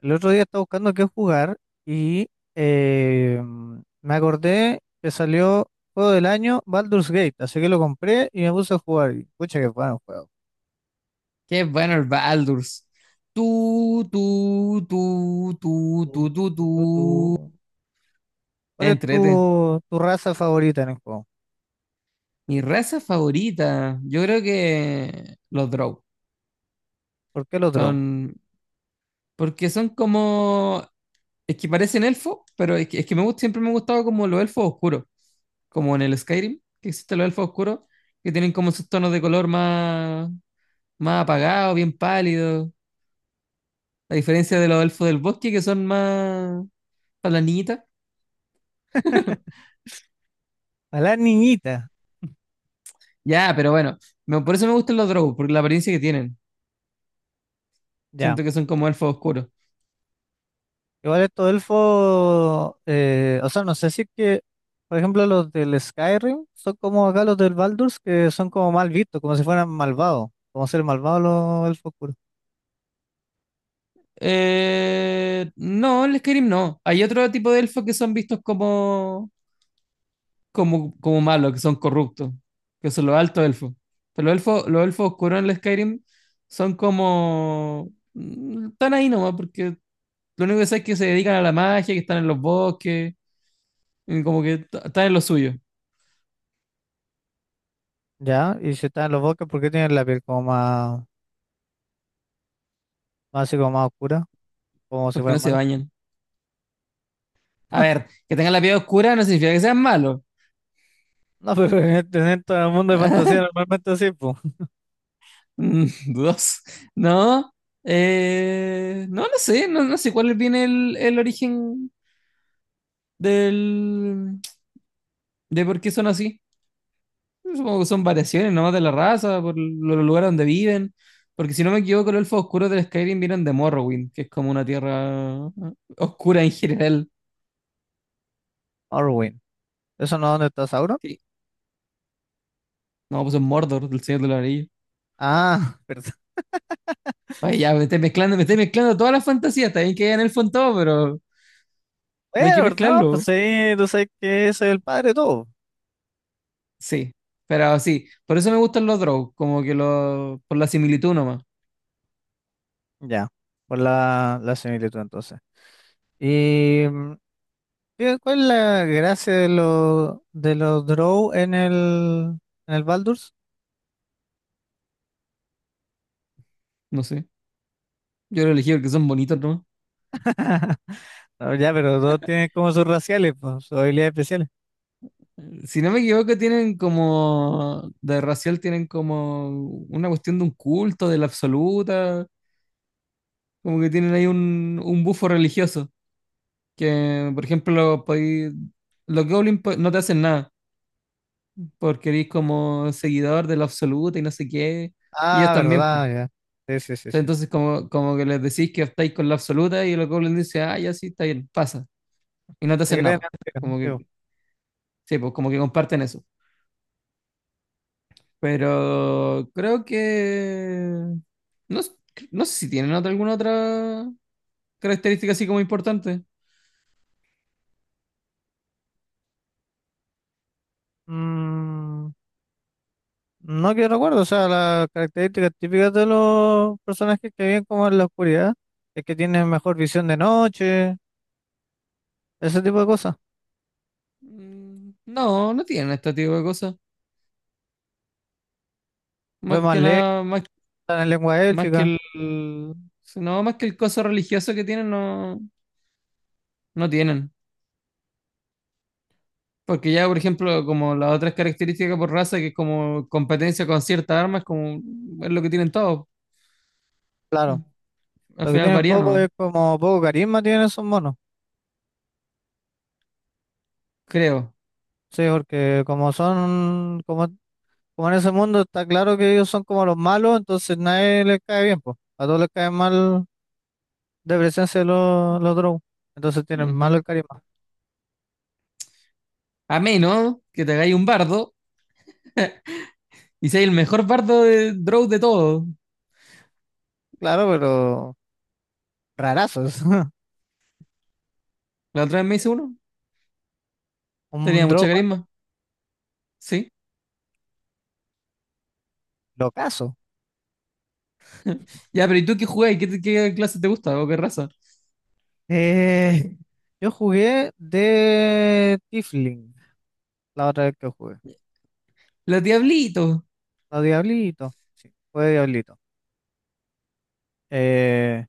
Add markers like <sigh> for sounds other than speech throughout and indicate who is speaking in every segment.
Speaker 1: El otro día estaba buscando qué jugar y eh, me acordé que salió juego del año Baldur's Gate, así que lo compré y me puse a jugar. Y, pucha, qué bueno juego.
Speaker 2: Qué bueno el Baldur's. Tú, tú, tú, tú,
Speaker 1: Tu,
Speaker 2: tú, tú,
Speaker 1: tu, tu, tu.
Speaker 2: tú.
Speaker 1: ¿Cuál es
Speaker 2: Entrete.
Speaker 1: tu raza favorita en el juego?
Speaker 2: Mi raza favorita, yo creo que los Drow.
Speaker 1: ¿Por qué lo trobo?
Speaker 2: Son, porque son como, es que parecen elfos, pero es que me gusta, siempre me ha gustado como los elfos oscuros, como en el Skyrim, que existen los elfos oscuros, que tienen como sus tonos de color más apagados, bien pálidos. A diferencia de los elfos del bosque, que son más palanitas.
Speaker 1: A la niñita,
Speaker 2: Ya, pero bueno, por eso me gustan los Drow, porque la apariencia que tienen.
Speaker 1: ya.
Speaker 2: Siento que son como elfos oscuros.
Speaker 1: Igual estos elfos, o sea, no sé si es que, por ejemplo, los del Skyrim son como acá los del Baldur's, que son como mal vistos, como si fueran malvados, como ser malvados los elfos oscuros.
Speaker 2: No, el Skyrim no. Hay otro tipo de elfos que son vistos como malos, que son corruptos, que son los altos elfos. Pero los elfos oscuros en el Skyrim son como... están ahí nomás, porque lo único que sé es que se dedican a la magia, que están en los bosques, y como que están en lo suyo,
Speaker 1: Ya, y si están en los bosques, ¿por qué tienen la piel como más, más así como más oscura? Como si
Speaker 2: porque no
Speaker 1: fueran
Speaker 2: se
Speaker 1: malos. <laughs>
Speaker 2: bañan. A ver, que tengan la piel oscura no significa que sean malos.
Speaker 1: No, pero en todo el mundo de fantasía
Speaker 2: <laughs>
Speaker 1: normalmente así, pues.
Speaker 2: Mm, <laughs> dudoso. No, no, no sé cuál viene el origen del, de por qué son así. Supongo que son variaciones nomás de la raza, por los lugares donde viven. Porque si no me equivoco, los elfos oscuros del Skyrim vienen de Morrowind, que es como una tierra oscura en general.
Speaker 1: Orwin. ¿Eso no es donde está Sauron?
Speaker 2: Sí. No, pues es Mordor, del Señor de los Anillos.
Speaker 1: Ah, <laughs> perdón.
Speaker 2: Ay, ya, me estoy mezclando todas las fantasías. Está bien que hayan elfos en todo, pero no hay
Speaker 1: Bueno,
Speaker 2: que
Speaker 1: perdón, pues
Speaker 2: mezclarlo.
Speaker 1: sí, tú sabes que soy el padre de todo.
Speaker 2: Sí, pero sí, por eso me gustan los draws, como que los, por la similitud nomás,
Speaker 1: Ya, por la similitud entonces. Y ¿cuál es la gracia de los Drow en el Baldur's?
Speaker 2: no sé. Yo lo elegí porque son bonitos nomás.
Speaker 1: No, ya, pero todos tienen como sus raciales, pues, sus habilidades especiales.
Speaker 2: Si no me equivoco, tienen como, de racial tienen como una cuestión de un culto, de la absoluta, como que tienen ahí un bufo religioso, que por ejemplo, los goblins no te hacen nada, porque eres como seguidor de la absoluta y no sé qué, y ellos
Speaker 1: Ah,
Speaker 2: también, pues.
Speaker 1: verdad, ya. Sí, sí, sí, sí, sí.
Speaker 2: Entonces, como que les decís que estáis con la absoluta y los goblins dicen, ah, ya sí, está bien, pasa. Y no te
Speaker 1: Te
Speaker 2: hacen
Speaker 1: crean
Speaker 2: nada,
Speaker 1: la
Speaker 2: po. Como
Speaker 1: sí,
Speaker 2: que sí, pues como que comparten eso. Pero creo que... no, no sé si tienen otra, alguna otra característica así como importante.
Speaker 1: Mm, no que recuerdo, o sea, las características típicas de los personajes que viven como en la oscuridad es que tienen mejor visión de noche, ese tipo de cosas.
Speaker 2: No, no tienen este tipo de cosas.
Speaker 1: Ven
Speaker 2: Más
Speaker 1: más
Speaker 2: que
Speaker 1: lejos,
Speaker 2: nada,
Speaker 1: en lengua
Speaker 2: más que
Speaker 1: élfica,
Speaker 2: el... no, más que el coso religioso que tienen, no, no tienen. Porque ya, por ejemplo, como las otras características por raza, que es como competencia con ciertas armas, como es lo que tienen todos.
Speaker 1: claro.
Speaker 2: Mm. Al
Speaker 1: Lo que
Speaker 2: final
Speaker 1: tienen
Speaker 2: varía,
Speaker 1: poco es
Speaker 2: ¿no?
Speaker 1: como poco carisma tienen esos monos.
Speaker 2: Creo.
Speaker 1: Sí, porque como son, como en ese mundo está claro que ellos son como los malos, entonces nadie les cae bien, pues. A todos les cae mal de presencia los drow. Entonces tienen malo el
Speaker 2: Ujú.
Speaker 1: carisma.
Speaker 2: A menos que te hagáis un bardo y seas el mejor bardo de Drow de todos.
Speaker 1: Claro, pero rarazos. <laughs>
Speaker 2: La otra vez me hice uno.
Speaker 1: Un
Speaker 2: Tenía
Speaker 1: drow
Speaker 2: mucha carisma. Sí.
Speaker 1: locazo.
Speaker 2: Ya, pero ¿y tú qué jugáis? ¿ qué clase te gusta o qué raza?
Speaker 1: Eh, yo jugué de Tifling la otra vez que jugué.
Speaker 2: Los diablitos.
Speaker 1: La Diablito. Sí, fue Diablito. Eh,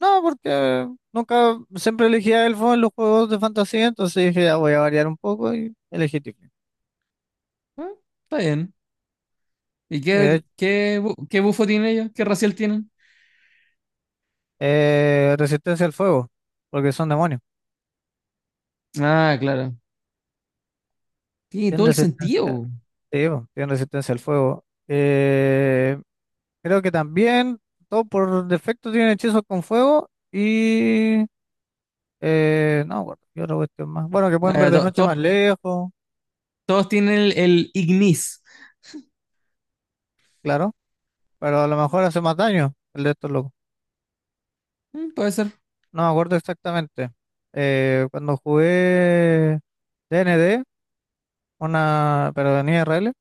Speaker 1: no, porque nunca, siempre elegía elfo en los juegos de fantasía, entonces dije, ya voy a variar un poco y elegí Tifling.
Speaker 2: Ah, está bien. ¿Y qué,
Speaker 1: Eh,
Speaker 2: qué, bu- qué bufo tienen ellos? ¿Qué racial tienen?
Speaker 1: resistencia al fuego, porque son demonios.
Speaker 2: Ah, claro. Tiene
Speaker 1: Tienen
Speaker 2: todo el
Speaker 1: resistencia.
Speaker 2: sentido.
Speaker 1: Sí, bo, tiene resistencia al fuego. Creo que también, todo por defecto, tienen hechizos con fuego. Y. No, me acuerdo, ¿qué otra cuestión más? Bueno, que pueden ver
Speaker 2: Eh,
Speaker 1: de
Speaker 2: to-
Speaker 1: noche más
Speaker 2: todo
Speaker 1: lejos,
Speaker 2: todos tienen el Ignis.
Speaker 1: claro. Pero a lo mejor hace más daño el de estos locos.
Speaker 2: Mm, puede ser.
Speaker 1: No me acuerdo exactamente. Cuando jugué DND, una. Pero en IRL,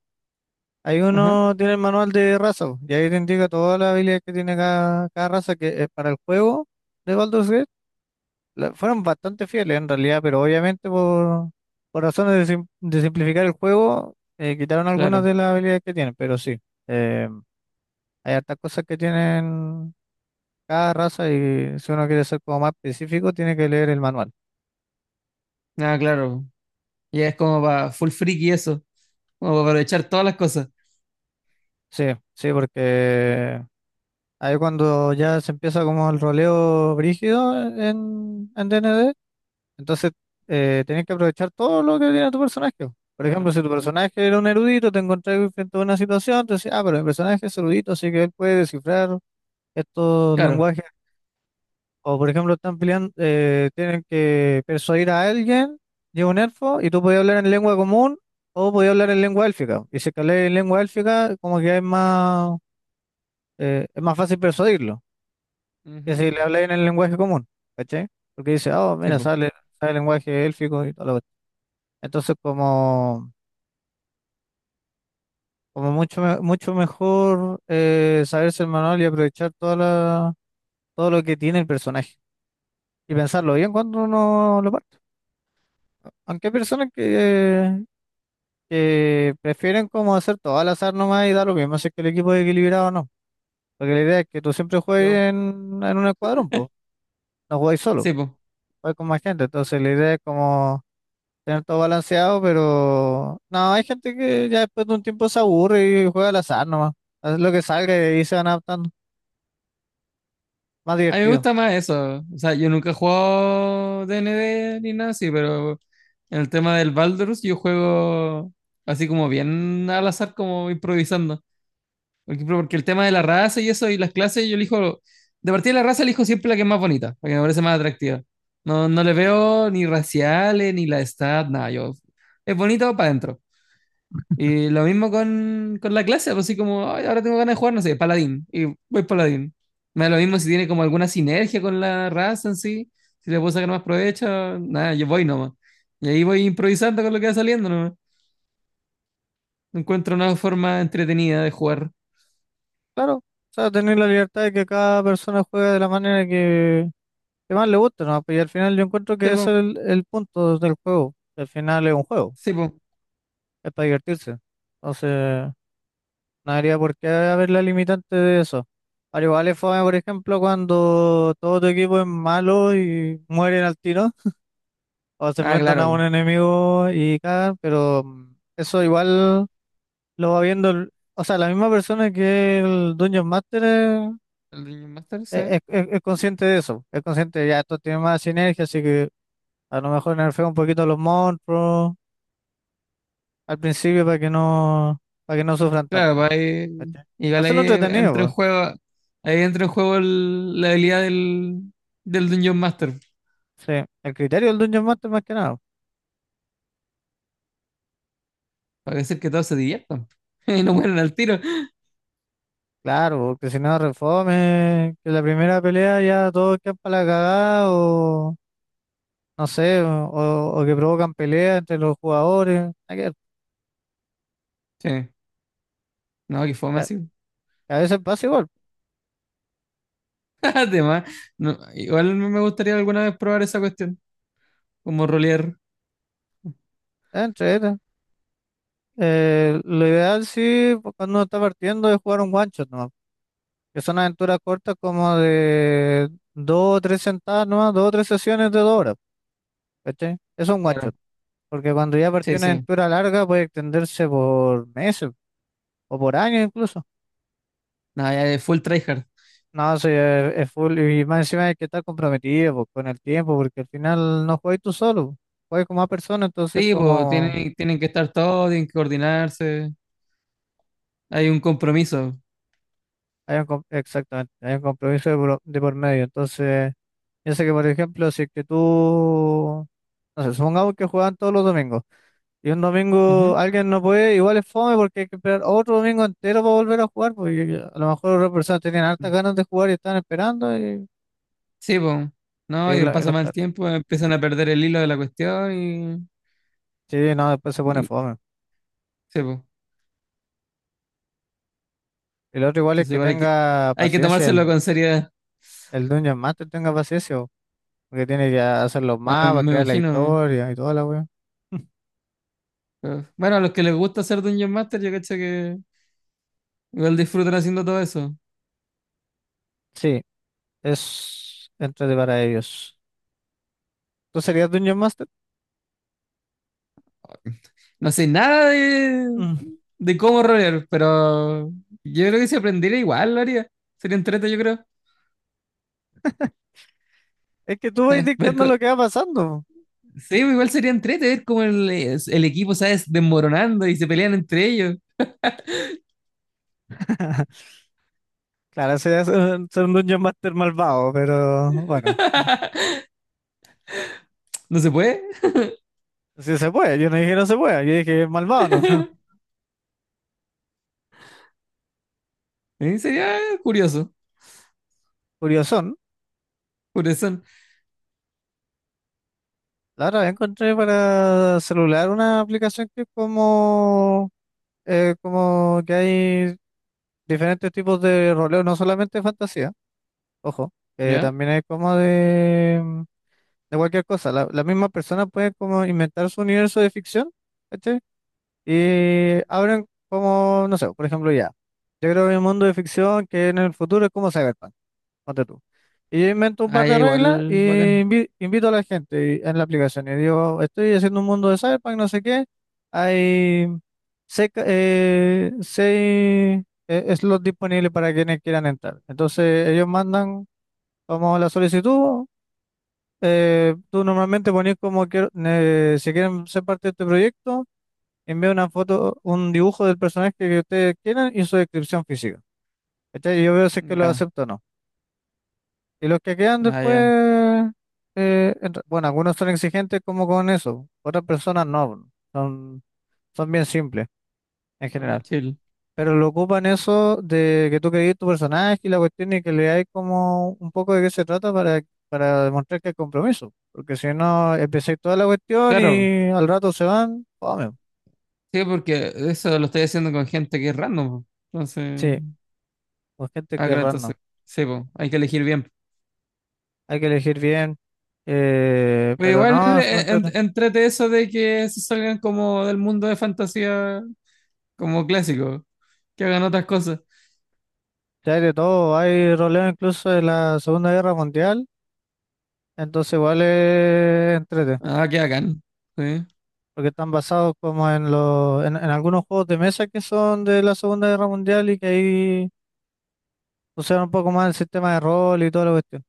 Speaker 1: hay
Speaker 2: Ajá,
Speaker 1: uno tiene el manual de raza, bo, y ahí te indica todas las habilidades que tiene cada raza que es para el juego de Baldur's fueron bastante fieles en realidad, pero obviamente por razones de simplificar el juego, quitaron algunas
Speaker 2: claro.
Speaker 1: de las habilidades que tienen, pero sí, eh, hay hartas cosas que tienen cada raza y si uno quiere ser como más específico, tiene que leer el manual.
Speaker 2: Ah, claro. Ya es como para full freak y eso. Como para aprovechar todas las cosas.
Speaker 1: Sí, sí, porque ahí cuando ya se empieza como el roleo brígido en, DND, entonces, tenés que aprovechar todo lo que tiene tu personaje. Por ejemplo,
Speaker 2: Claro.
Speaker 1: si tu personaje era un erudito, te encontrás frente a una situación, te decís, ah, pero el personaje es erudito, así que él puede descifrar estos
Speaker 2: Claro.
Speaker 1: lenguajes. O, por ejemplo, están peleando, tienen que persuadir a alguien, llega un elfo, y tú podías hablar en lengua común o podías hablar en lengua élfica. Y si es que hablas en lengua élfica, como que es más fácil persuadirlo que si
Speaker 2: Ujú.
Speaker 1: le hablas en el lenguaje común, ¿cachai? Porque dice, ah, oh,
Speaker 2: Sí,
Speaker 1: mira,
Speaker 2: po.
Speaker 1: sale el lenguaje élfico y todo. Entonces, como, mucho, mucho mejor saberse el manual y aprovechar todo lo que tiene el personaje y pensarlo bien cuando uno lo parte. Aunque hay personas que prefieren como hacer todo al azar nomás y da lo mismo si es que el equipo es equilibrado o no. Porque la idea es que tú siempre
Speaker 2: Yo.
Speaker 1: juegues en, un escuadrón, pues, no juegues solo,
Speaker 2: Sí, po.
Speaker 1: juegas con más gente. Entonces, la idea es como tener todo balanceado, pero no, hay gente que ya después de un tiempo se aburre y juega al azar nomás. Hace lo que salga y ahí se van adaptando. Más
Speaker 2: A mí me
Speaker 1: divertido.
Speaker 2: gusta más eso. O sea, yo nunca he jugado DND ni nada así, pero en el tema del Baldur's yo juego así como bien al azar, como improvisando. Porque el tema de la raza y eso y las clases, yo elijo, de partida de la raza elijo siempre la que es más bonita, la que me parece más atractiva. No, no le veo ni raciales, ni la edad, nada, yo, es bonito para adentro. Y lo mismo con la clase, pues así como, "Ay, ahora tengo ganas de jugar, no sé, paladín, y voy paladín. Me da lo mismo si tiene como alguna sinergia con la raza en sí, si le puedo sacar más provecho, nada, yo voy nomás. Y ahí voy improvisando con lo que va saliendo nomás. Encuentro una forma entretenida de jugar.
Speaker 1: Claro, o sea, tener la libertad de que cada persona juegue de la manera que más le gusta, ¿no? Pues, y al final yo encuentro
Speaker 2: Sí,
Speaker 1: que ese
Speaker 2: po,
Speaker 1: es el punto del juego. Que al final es un juego,
Speaker 2: sí, po.
Speaker 1: es para divertirse. Entonces, no habría por qué haber la limitante de eso. Al igual es fome, por ejemplo, cuando todo tu equipo es malo y mueren al tiro, o se
Speaker 2: Ah,
Speaker 1: enfrentan a un
Speaker 2: claro.
Speaker 1: enemigo y cagan, pero eso igual lo va viendo, o sea, la misma persona que el Dungeon Master,
Speaker 2: El Dungeon Master, sí.
Speaker 1: es consciente de eso, es consciente de, ya esto tiene más sinergia, así que a lo mejor nerfea un poquito a los monstruos al principio para que no, sufran
Speaker 2: Claro,
Speaker 1: tanto.
Speaker 2: pues ahí,
Speaker 1: ¿Cachai?
Speaker 2: igual ahí
Speaker 1: Hacerlo entretenido,
Speaker 2: entra en
Speaker 1: pues.
Speaker 2: juego, ahí entra en juego la habilidad del Dungeon Master,
Speaker 1: Sí, el criterio del Dungeon Master más que nada.
Speaker 2: para hacer que todos se diviertan <laughs> y no mueran al tiro.
Speaker 1: Claro, porque si no, refome, que la primera pelea ya todos quedan para la cagada, no sé, o que provocan peleas entre los jugadores, hay que ver,
Speaker 2: Sí, no, que fome
Speaker 1: que a
Speaker 2: así.
Speaker 1: que a veces pasa igual,
Speaker 2: <laughs> Además, no, igual me gustaría alguna vez probar esa cuestión, como rolear.
Speaker 1: entre ellos. Lo ideal sí, pues, cuando uno está partiendo, es jugar un one shot nomás, que son aventuras cortas como de dos o tres sentadas nomás, dos o tres sesiones de 2 horas, ¿cachai? Eso es un one
Speaker 2: Claro,
Speaker 1: shot, porque cuando ya partió
Speaker 2: sí,
Speaker 1: una
Speaker 2: sí.
Speaker 1: aventura larga puede extenderse por meses o por años incluso.
Speaker 2: No, ya es full tryhard.
Speaker 1: No, sí, es full. Y más encima hay que estar comprometido po, con el tiempo, porque al final no juegas tú solo, juegas con más personas, entonces
Speaker 2: Sí, pues
Speaker 1: como
Speaker 2: tienen que estar todos, tienen que coordinarse, hay un compromiso.
Speaker 1: hay exactamente, hay un compromiso de por medio. Entonces, yo sé que por ejemplo, si es que tú, no sé, supongamos que juegan todos los domingos y un domingo alguien no puede, igual es fome porque hay que esperar otro domingo entero para volver a jugar, porque a lo mejor otras personas tenían hartas
Speaker 2: Ujú.
Speaker 1: ganas de jugar y están esperando
Speaker 2: Sí, pues. No,
Speaker 1: y
Speaker 2: y
Speaker 1: lo- y
Speaker 2: pasa
Speaker 1: lo-
Speaker 2: mal tiempo, empiezan a perder el hilo de la cuestión y,
Speaker 1: sí, no, después se pone
Speaker 2: y-
Speaker 1: fome.
Speaker 2: sí, pues.
Speaker 1: El otro igual es
Speaker 2: Entonces
Speaker 1: que
Speaker 2: igual
Speaker 1: tenga
Speaker 2: hay que
Speaker 1: paciencia,
Speaker 2: tomárselo
Speaker 1: el,
Speaker 2: con seriedad.
Speaker 1: el Dungeon Master tenga paciencia, po, porque tiene que hacer los
Speaker 2: No,
Speaker 1: mapas,
Speaker 2: me
Speaker 1: crear la
Speaker 2: imagino.
Speaker 1: historia y toda la weá. <laughs>
Speaker 2: Pero bueno, a los que les gusta hacer Dungeon Master, yo cacho que igual disfrutan haciendo todo eso.
Speaker 1: Sí, es entrete para ellos. ¿Tú serías Dungeon Master?
Speaker 2: No sé nada de,
Speaker 1: Mm.
Speaker 2: de cómo rolear, pero yo creo que si aprendiera igual lo haría. Sería entrete, yo creo.
Speaker 1: Es que tú vas
Speaker 2: <laughs> Ver
Speaker 1: dictando
Speaker 2: co-
Speaker 1: lo que va pasando, bo.
Speaker 2: sí, pues igual sería entrete ver cómo el equipo, ¿sabes? Desmoronando y se pelean entre ellos.
Speaker 1: Claro, sería ser un Dungeon Master malvado, pero bueno,
Speaker 2: ¿No se puede?
Speaker 1: si se puede. Yo no dije no se puede, yo dije malvado, ¿no? <laughs>
Speaker 2: <laughs> Sería curioso,
Speaker 1: Curiosón.
Speaker 2: curioso,
Speaker 1: La otra vez encontré para celular una aplicación que es como, como que hay diferentes tipos de roleo, no solamente fantasía, ojo,
Speaker 2: ¿ya?
Speaker 1: también hay como de, de cualquier cosa. La misma persona puede como inventar su universo de ficción, ¿cachai? Y abren como, no sé, por ejemplo, ya. Yo creo que hay un mundo de ficción que en el futuro es como Cyberpunk, ponte tú. Y yo invento un par
Speaker 2: Ah,
Speaker 1: de
Speaker 2: ya,
Speaker 1: reglas
Speaker 2: igual,
Speaker 1: y
Speaker 2: bacán,
Speaker 1: invito a la gente en la aplicación. Y digo, estoy haciendo un mundo de Cyberpunk, no sé qué. Hay seis slots disponibles para quienes quieran entrar. Entonces ellos mandan como la solicitud. Tú normalmente pones como que si quieren ser parte de este proyecto, envía una foto, un dibujo del personaje que ustedes quieran y su descripción física. ¿Cachai? Y yo veo si es que lo
Speaker 2: ya,
Speaker 1: acepto o no. Y los que quedan
Speaker 2: ah, ya,
Speaker 1: después, bueno, algunos son exigentes como con eso, otras personas no, son bien simples en
Speaker 2: está más
Speaker 1: general,
Speaker 2: chill.
Speaker 1: pero lo ocupan eso de que tú crees tu personaje y la cuestión y que le hay como un poco de qué se trata para demostrar que hay compromiso, porque si no, empecé toda la cuestión
Speaker 2: Claro,
Speaker 1: y al rato se van, fome.
Speaker 2: sí, porque eso lo estoy haciendo con gente que es random, po. Entonces,
Speaker 1: Sí, pues gente
Speaker 2: ah,
Speaker 1: que es
Speaker 2: claro,
Speaker 1: random,
Speaker 2: entonces, sí, po, hay que elegir bien.
Speaker 1: hay que elegir bien,
Speaker 2: Pero
Speaker 1: pero
Speaker 2: igual,
Speaker 1: no, súper entrete.
Speaker 2: entrete eso de que se salgan como del mundo de fantasía, como clásico, que hagan otras cosas,
Speaker 1: Ya hay de todo, hay roleo incluso de la Segunda Guerra Mundial. Entonces igual es entrete,
Speaker 2: ah, que hagan, sí.
Speaker 1: porque están basados como en los, en algunos juegos de mesa que son de la Segunda Guerra Mundial y que ahí usaron un poco más el sistema de rol y toda la cuestión.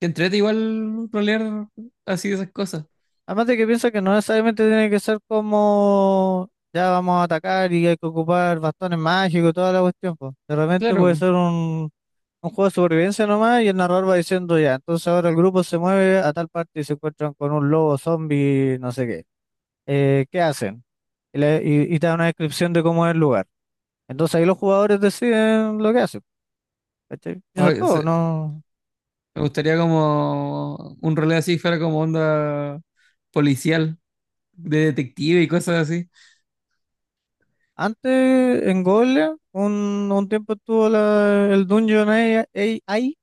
Speaker 2: Que entrete igual rolear así esas cosas,
Speaker 1: Además de que piensa que no necesariamente tiene que ser como ya vamos a atacar y hay que ocupar bastones mágicos y toda la cuestión, pues. De repente puede
Speaker 2: claro,
Speaker 1: ser un juego de supervivencia nomás y el narrador va diciendo ya, entonces ahora el grupo se mueve a tal parte y se encuentran con un lobo zombie, no sé qué. ¿Qué hacen? Y te da una descripción de cómo es el lugar. Entonces ahí los jugadores deciden lo que hacen, ¿cachai? Y
Speaker 2: po.
Speaker 1: eso es todo, ¿no?
Speaker 2: Me gustaría como un rol así fuera como onda policial, de detective y cosas así.
Speaker 1: Antes en Golia un tiempo estuvo el Dungeon AI, AI,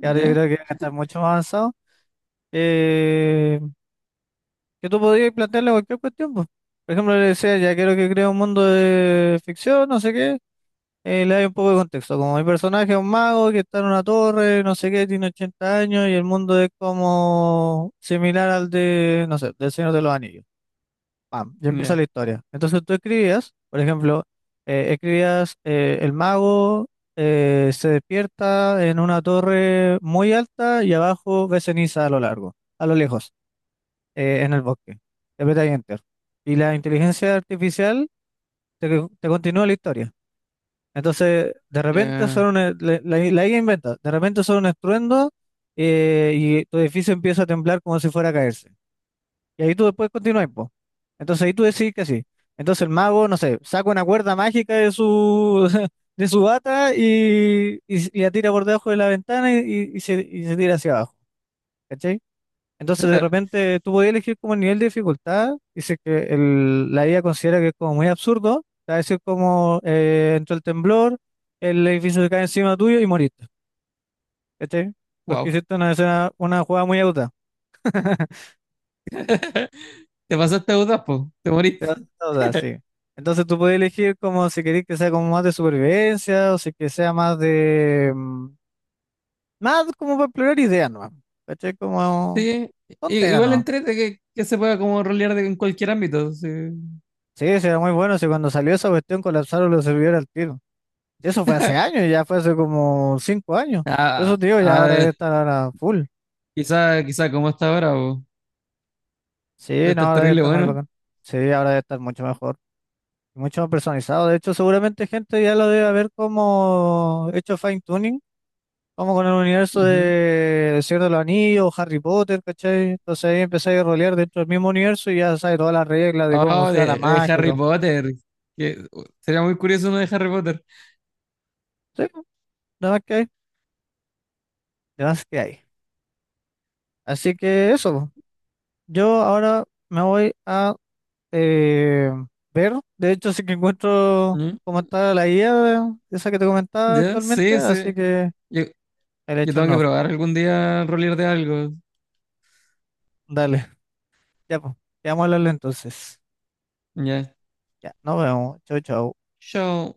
Speaker 1: que ahora yo creo que está mucho más avanzado, eh, que tú podías plantearle cualquier cuestión, pues. Por ejemplo, le decía, ya quiero que crea un mundo de ficción, no sé qué. Le doy un poco de contexto. Como mi personaje es un mago que está en una torre, no sé qué, tiene 80 años y el mundo es como similar al de, no sé, del Señor de los Anillos. Pam, ya empieza
Speaker 2: Ya.
Speaker 1: la historia. Entonces tú escribías, por ejemplo, escribías el mago se despierta en una torre muy alta y abajo ve ceniza a lo largo, a lo lejos, en el bosque. Le apretas Enter. Y la inteligencia artificial te continúa la historia. Entonces, de repente
Speaker 2: Ya.
Speaker 1: son la IA inventa, de repente son un estruendo, y tu edificio empieza a temblar como si fuera a caerse. Y ahí tú después continúas, po. Entonces ahí tú decís que sí. Entonces el mago, no sé, saca una cuerda mágica de su, <laughs> de su bata y, y la tira por debajo de la ventana y se tira hacia abajo. Entonces, de
Speaker 2: <laughs>
Speaker 1: repente, tú podías elegir como el nivel de dificultad, y dice que la IA considera que es como muy absurdo. Te va a decir como entró el temblor, el edificio se cae encima tuyo y moriste. ¿Cachai? Porque
Speaker 2: Wow.
Speaker 1: hiciste una escena, una jugada muy aguda. <laughs>
Speaker 2: <laughs> Te pasaste a po. Te
Speaker 1: Te vas
Speaker 2: moriste.
Speaker 1: a usar, sí. Entonces tú puedes elegir como si querés que sea como más de supervivencia o si que sea más de, más como para explorar ideas, ¿no? ¿Cachai? Como
Speaker 2: Sí.
Speaker 1: tontera,
Speaker 2: Igual
Speaker 1: ¿no?
Speaker 2: entrete que se pueda como rolear en cualquier ámbito, sí.
Speaker 1: Sí, sí, era muy bueno. Si cuando salió esa cuestión colapsaron los servidores al tiro. Eso fue hace
Speaker 2: <laughs>
Speaker 1: años, ya fue hace como 5 años. Por eso
Speaker 2: Ah,
Speaker 1: te digo, ya ahora debe estar ahora full.
Speaker 2: quizá, quizá como está ahora, po. De
Speaker 1: Sí, no,
Speaker 2: estar
Speaker 1: ahora debe
Speaker 2: terrible
Speaker 1: estar muy
Speaker 2: bueno.
Speaker 1: bacán. Sí, ahora debe estar mucho mejor, mucho más personalizado. De hecho, seguramente gente ya lo debe haber como hecho fine tuning, como con el universo
Speaker 2: Ujú.
Speaker 1: de El Señor de los Anillos, Harry Potter, ¿cachai? Entonces ahí empezáis a rolear dentro del mismo universo y ya sabes todas las reglas de cómo
Speaker 2: Oh,
Speaker 1: funciona la
Speaker 2: de
Speaker 1: magia y
Speaker 2: Harry
Speaker 1: todo.
Speaker 2: Potter. Que, sería muy curioso uno de Harry Potter.
Speaker 1: Sí, nada más que hay, nada más que hay. Así que eso, po. Yo ahora me voy a eh, ver. De hecho, sí que encuentro
Speaker 2: Ujú.
Speaker 1: cómo está la guía, esa que te comentaba
Speaker 2: Ya,
Speaker 1: actualmente,
Speaker 2: sí,
Speaker 1: así
Speaker 2: sí.
Speaker 1: que
Speaker 2: Yo-
Speaker 1: el
Speaker 2: Yo
Speaker 1: hecho
Speaker 2: tengo que
Speaker 1: no.
Speaker 2: probar algún día rolear de algo.
Speaker 1: Dale, ya pues, quedamos a hablarle entonces.
Speaker 2: Ya.
Speaker 1: Ya, nos vemos. Chau, chau.
Speaker 2: Yo,